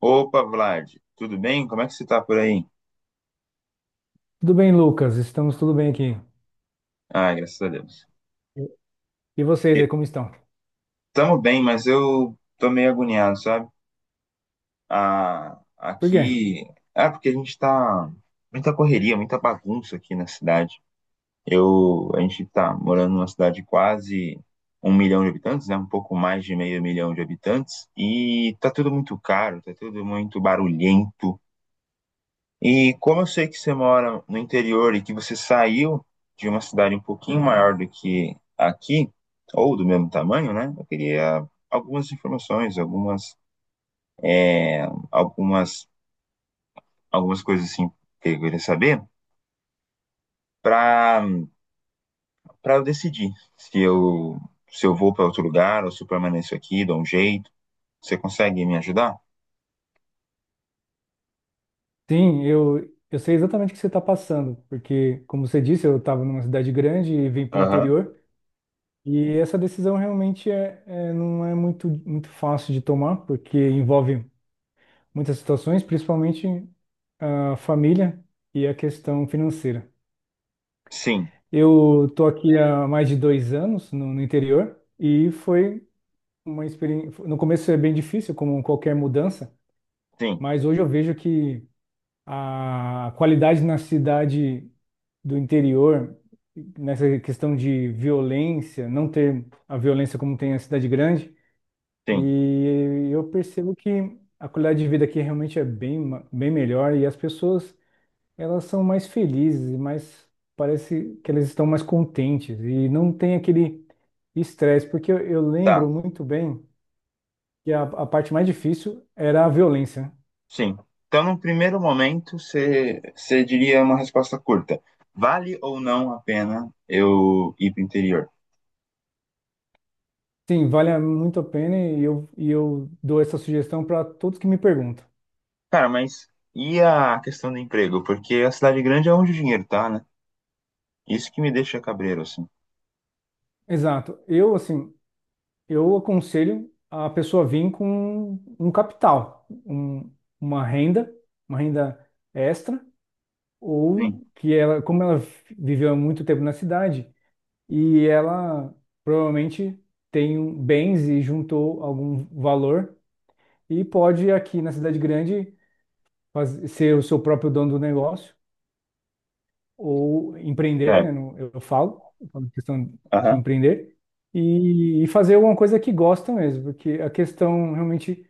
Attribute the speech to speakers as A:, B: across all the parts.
A: Opa, Vlad, tudo bem? Como é que você tá por aí?
B: Tudo bem, Lucas? Estamos tudo bem aqui.
A: Ah, graças a Deus.
B: E vocês aí,
A: E-
B: como estão?
A: Tamo bem, mas eu tô meio agoniado, sabe? Ah,
B: Por quê?
A: aqui. É porque a gente tá. Muita correria, muita bagunça aqui na cidade. A gente tá morando numa cidade de quase 1 milhão de habitantes, né? Um pouco mais de meio milhão de habitantes. E tá tudo muito caro, tá tudo muito barulhento. E como eu sei que você mora no interior e que você saiu de uma cidade um pouquinho maior do que aqui, ou do mesmo tamanho, né? Eu queria algumas informações, algumas, algumas coisas assim que eu queria saber para para eu decidir se eu se eu vou para outro lugar ou se eu permaneço aqui, dou um jeito. Você consegue me ajudar?
B: Sim, eu sei exatamente o que você está passando, porque, como você disse, eu estava numa cidade grande e vim para o
A: Aham.
B: interior, e essa decisão realmente não é muito, muito fácil de tomar, porque envolve muitas situações, principalmente a família e a questão financeira.
A: Sim,
B: Eu tô aqui há mais de 2 anos no interior e foi uma experiência. No começo é bem difícil, como qualquer mudança.
A: sim,
B: Mas hoje eu vejo que a qualidade na cidade do interior, nessa questão de violência, não ter a violência como tem a cidade grande,
A: sim.
B: e eu percebo que a qualidade de vida aqui realmente é bem melhor e as pessoas, elas são mais felizes, mais parece que elas estão mais contentes e não tem aquele estresse, porque eu
A: Tá.
B: lembro muito bem que a parte mais difícil era a violência, né?
A: Sim. Então, no primeiro momento, você diria uma resposta curta. Vale ou não a pena eu ir para o interior?
B: Sim, vale muito a pena e e eu dou essa sugestão para todos que me perguntam.
A: Cara, mas e a questão do emprego? Porque a cidade grande é onde o dinheiro tá, né? Isso que me deixa cabreiro, assim.
B: Exato. Eu, assim, eu aconselho a pessoa vir com um capital, uma renda, uma renda extra, ou
A: Sim,
B: que ela, como ela viveu há muito tempo na cidade, e ela provavelmente tem bens e juntou algum valor e pode aqui na cidade grande ser o seu próprio dono do negócio ou empreender, né?
A: certo.
B: Eu falo questão de
A: Aham.
B: empreender e fazer alguma coisa que gosta mesmo, porque a questão realmente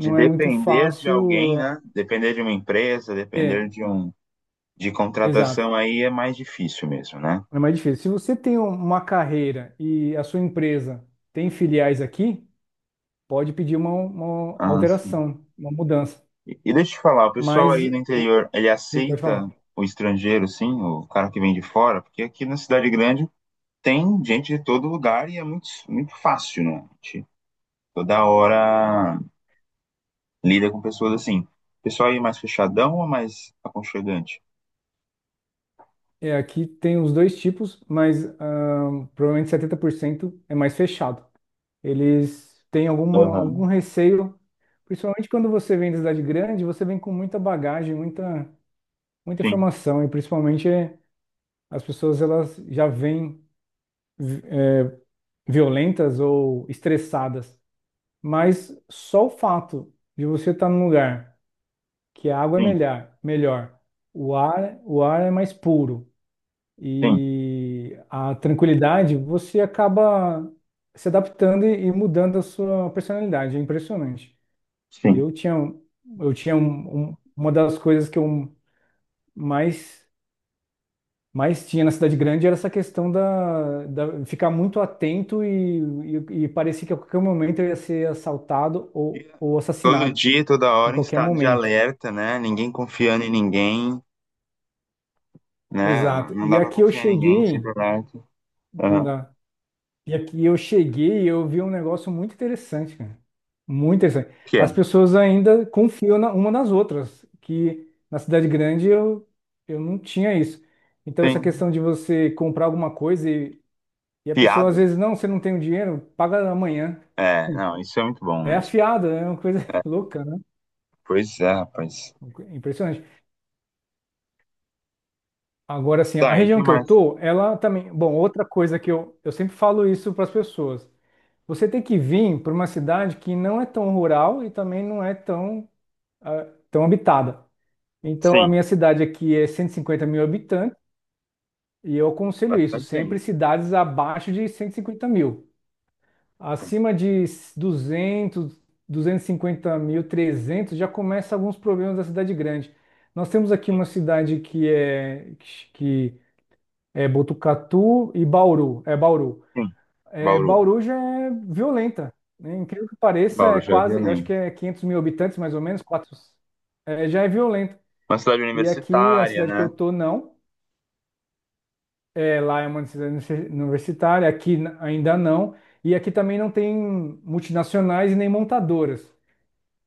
A: De
B: é muito
A: depender de alguém,
B: fácil.
A: né? Depender de uma empresa,
B: É,
A: depender de um de
B: exato.
A: contratação aí é mais difícil mesmo, né?
B: É mais difícil. Se você tem um, uma carreira e a sua empresa tem filiais aqui, pode pedir uma,
A: Ah, sim.
B: alteração, uma mudança.
A: E deixa eu te falar, o pessoal aí
B: Mas,
A: no interior, ele
B: sim, pode falar.
A: aceita o estrangeiro, sim, o cara que vem de fora? Porque aqui na cidade grande tem gente de todo lugar e é muito, muito fácil, né? A gente toda hora lida com pessoas assim. O pessoal aí mais fechadão ou mais aconchegante?
B: É, aqui tem os dois tipos, mas provavelmente 70% é mais fechado. Eles têm alguma, algum
A: Aham.
B: receio, principalmente quando você vem da cidade grande, você vem com muita bagagem, muita
A: Sim,
B: informação, e principalmente as pessoas elas já vêm vi- violentas ou estressadas. Mas só o fato de você estar num lugar que a água é
A: sim,
B: melhor, melhor, o ar é mais puro
A: sim,
B: e a tranquilidade, você acaba se adaptando e mudando a sua personalidade. É impressionante.
A: sim.
B: Eu tinha, um, eu tinha um- um- uma das coisas que eu mais, mais tinha na cidade grande era essa questão da ficar muito atento e, e parecia que a qualquer momento eu ia ser assaltado
A: E
B: ou
A: todo
B: assassinado,
A: dia, toda
B: em
A: hora, em
B: qualquer
A: estado de
B: momento.
A: alerta, né? Ninguém confiando em ninguém, né?
B: Exato.
A: Não
B: E
A: dá pra
B: aqui eu
A: confiar em ninguém,
B: cheguei,
A: sempre alerta.
B: não
A: Aham. O
B: dá. E aqui eu cheguei e eu vi um negócio muito interessante, cara. Muito interessante.
A: que é?
B: As pessoas ainda confiam uma nas outras, que na cidade grande eu não tinha isso. Então, essa
A: Sim.
B: questão de você comprar alguma coisa e a pessoa às
A: Fiado?
B: vezes, não, você não tem o dinheiro, paga amanhã.
A: É, não, isso é muito bom
B: É
A: mesmo.
B: afiado, é uma coisa
A: É,
B: louca, né?
A: pois é, rapaz.
B: Impressionante. Agora, assim, a
A: Tá, e o que
B: região que eu
A: mais?
B: tô, ela também. Bom, outra coisa que eu sempre falo isso para as pessoas. Você tem que vir para uma cidade que não é tão rural e também não é tão, ah, tão habitada. Então, a
A: Sim,
B: minha cidade aqui é 150 mil habitantes e eu aconselho isso,
A: bastante gente.
B: sempre cidades abaixo de 150 mil.
A: Sim,
B: Acima de duzentos duzentos e cinquenta mil, 300 já começa alguns problemas da cidade grande. Nós temos aqui
A: sim,
B: uma cidade que é Botucatu e Bauru. É Bauru.
A: sim.
B: É,
A: Bauru.
B: Bauru já é violenta, né? Incrível que pareça,
A: Bauru
B: é
A: já é
B: quase, eu acho
A: violento.
B: que é 500 mil habitantes, mais ou menos, quatro, é, já é violenta.
A: Uma cidade
B: E aqui, a
A: universitária,
B: cidade que eu
A: né?
B: tô, não. É, lá é uma cidade universitária, aqui ainda não. E aqui também não tem multinacionais e nem montadoras.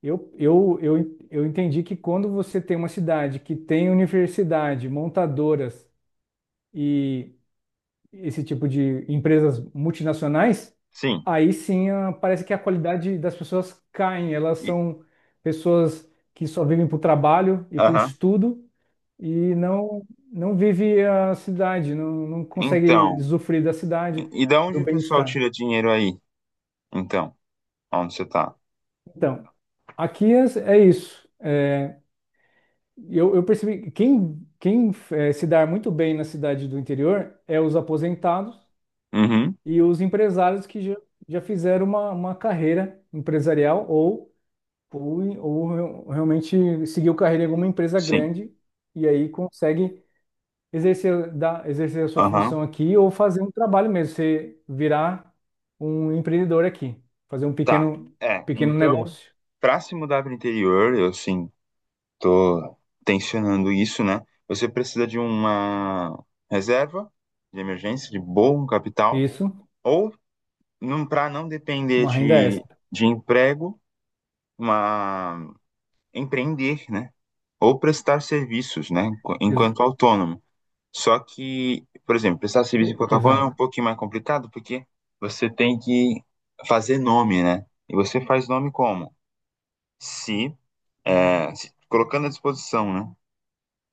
B: Eu entendi que quando você tem uma cidade que tem universidade, montadoras e esse tipo de empresas multinacionais,
A: Sim.
B: aí sim parece que a qualidade das pessoas cai. Elas
A: E,
B: são pessoas que só vivem para o trabalho e para o
A: aham.
B: estudo e não, não vive a cidade, não, não consegue
A: Então,
B: usufruir da cidade,
A: e da
B: do
A: onde o pessoal
B: bem-estar.
A: tira dinheiro aí? Então, onde você tá?
B: Então, aqui é, é isso. É, eu percebi que quem, quem se dá muito bem na cidade do interior é os aposentados
A: Uhum,
B: e os empresários que já fizeram uma, carreira empresarial ou, ou realmente seguiu carreira em alguma empresa
A: sim.
B: grande e aí consegue exercer a sua
A: Aham.
B: função aqui ou fazer um trabalho mesmo, você virar um empreendedor aqui, fazer um
A: Tá.
B: pequeno,
A: É,
B: pequeno
A: então,
B: negócio.
A: pra se mudar pro interior, eu, sim. Tô tensionando isso, né? Você precisa de uma reserva de emergência, de bom capital,
B: Isso,
A: ou para não depender
B: uma renda
A: de,
B: extra.
A: de emprego, uma empreender, né? Ou prestar serviços, né? Enqu-
B: Ex-
A: Enquanto autônomo. Só que, por exemplo, prestar serviço enquanto autônomo é um
B: Exato,
A: pouquinho mais complicado, porque você tem que fazer nome, né? E você faz nome como? Se, se colocando à disposição, né?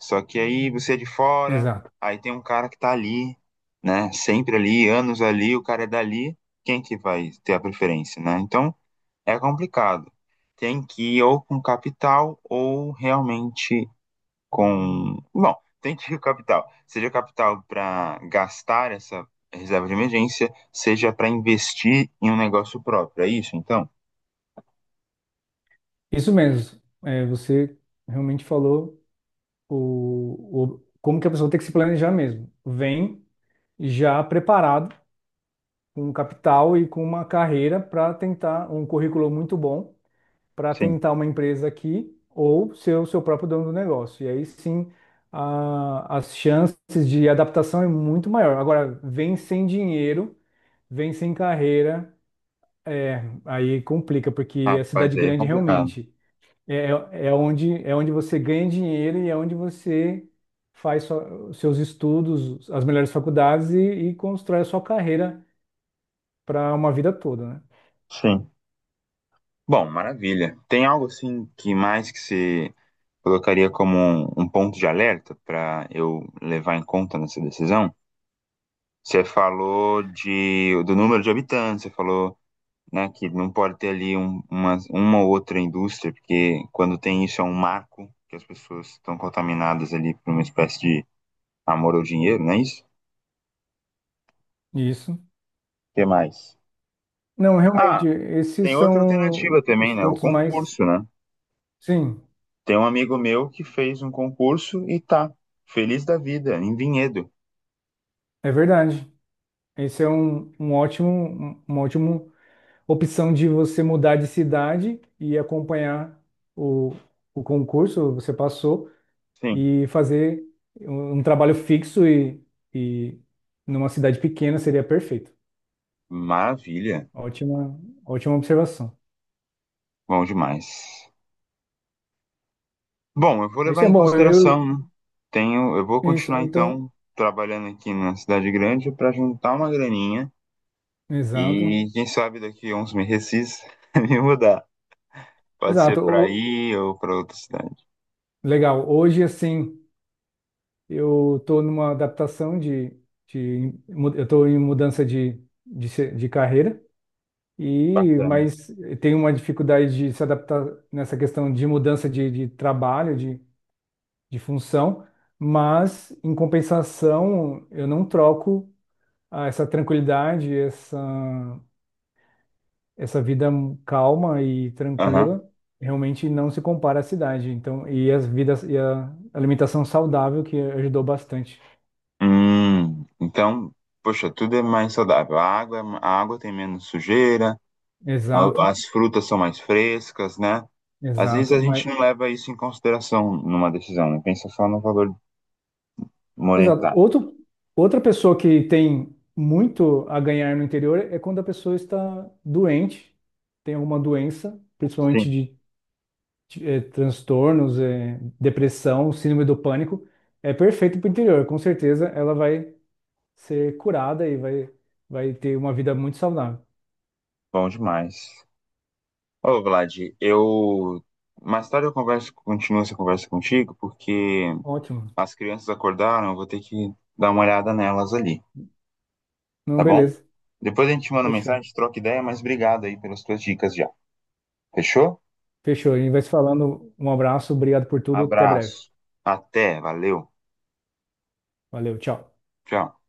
A: Só que aí você é de fora,
B: exato.
A: aí tem um cara que tá ali, né? Sempre ali, anos ali, o cara é dali, quem que vai ter a preferência, né? Então é complicado. Tem que ir ou com capital ou realmente com. Bom, tem que ir com capital. Seja capital para gastar essa reserva de emergência, seja para investir em um negócio próprio. É isso, então?
B: Isso mesmo. É, você realmente falou como que a pessoa tem que se planejar mesmo. Vem já preparado, com um capital e com uma carreira para tentar um currículo muito bom para
A: Sim.
B: tentar uma empresa aqui ou ser o seu próprio dono do negócio. E aí sim, as chances de adaptação é muito maior. Agora, vem sem dinheiro, vem sem carreira, é, aí complica, porque a
A: Rapaz,
B: cidade
A: aí é
B: grande
A: complicado.
B: realmente é onde, é onde você ganha dinheiro e é onde você faz os seus estudos, as melhores faculdades e constrói a sua carreira para uma vida toda, né?
A: Sim. Bom, maravilha. Tem algo assim que mais que você colocaria como um ponto de alerta para eu levar em conta nessa decisão. Você falou do número de habitantes, você falou, né, que não pode ter ali um, uma ou outra indústria, porque quando tem isso é um marco que as pessoas estão contaminadas ali por uma espécie de amor ao dinheiro, não é isso? O
B: Isso.
A: que mais?
B: Não, realmente,
A: Ah,
B: esses
A: tem outra
B: são
A: alternativa
B: os
A: também, né? O
B: pontos mais.
A: concurso, né?
B: Sim,
A: Tem um amigo meu que fez um concurso e tá feliz da vida, em Vinhedo.
B: é verdade. Esse é um ótimo, uma ótima opção de você mudar de cidade e acompanhar o, o concurso, você passou,
A: Sim,
B: e fazer um trabalho fixo e, e numa cidade pequena seria perfeito.
A: maravilha.
B: Ótima, ótima observação.
A: Bom demais. Bom, eu vou
B: Isso
A: levar
B: é
A: em
B: bom. Eu,
A: consideração, né? Tenho, eu, vou
B: isso,
A: continuar então
B: então,
A: trabalhando aqui na cidade grande para juntar uma graninha e
B: exato.
A: quem sabe daqui a uns meses me mudar. Pode ser para
B: Exato.
A: aí ou para outra cidade.
B: Legal. Hoje, assim, eu estou numa adaptação de eu estou em mudança de de carreira e
A: Bacana.
B: mas tenho uma dificuldade de se adaptar nessa questão de mudança de trabalho, de função, mas em compensação eu não troco essa tranquilidade, essa vida calma e
A: Aham.
B: tranquila. Realmente não se compara à cidade, então, e as vidas e a alimentação saudável que ajudou bastante.
A: Então, poxa, tudo é mais saudável. A água tem menos sujeira,
B: Exato,
A: as frutas são mais frescas, né? Às vezes
B: exato.
A: a
B: Mas,
A: gente não leva isso em consideração numa decisão, né? Pensa só no valor
B: exato.
A: monetário.
B: Outro, outra pessoa que tem muito a ganhar no interior é quando a pessoa está doente, tem alguma doença, principalmente
A: Sim.
B: de transtornos, depressão, síndrome do pânico. É perfeito para o interior, com certeza ela vai ser curada e vai ter uma vida muito saudável.
A: Bom demais. Ô, Vlad, eu. Mais tarde eu converso, continuo essa conversa contigo, porque
B: Ótimo.
A: as crianças acordaram, eu vou ter que dar uma olhada nelas ali,
B: Não,
A: tá bom?
B: beleza.
A: Depois a gente manda
B: Fechou.
A: mensagem, troca ideia, mas obrigado aí pelas tuas dicas já. Fechou?
B: Fechou. A gente vai se falando. Um abraço, obrigado por tudo. Até breve.
A: Abraço. Até, valeu.
B: Valeu, tchau.
A: Tchau.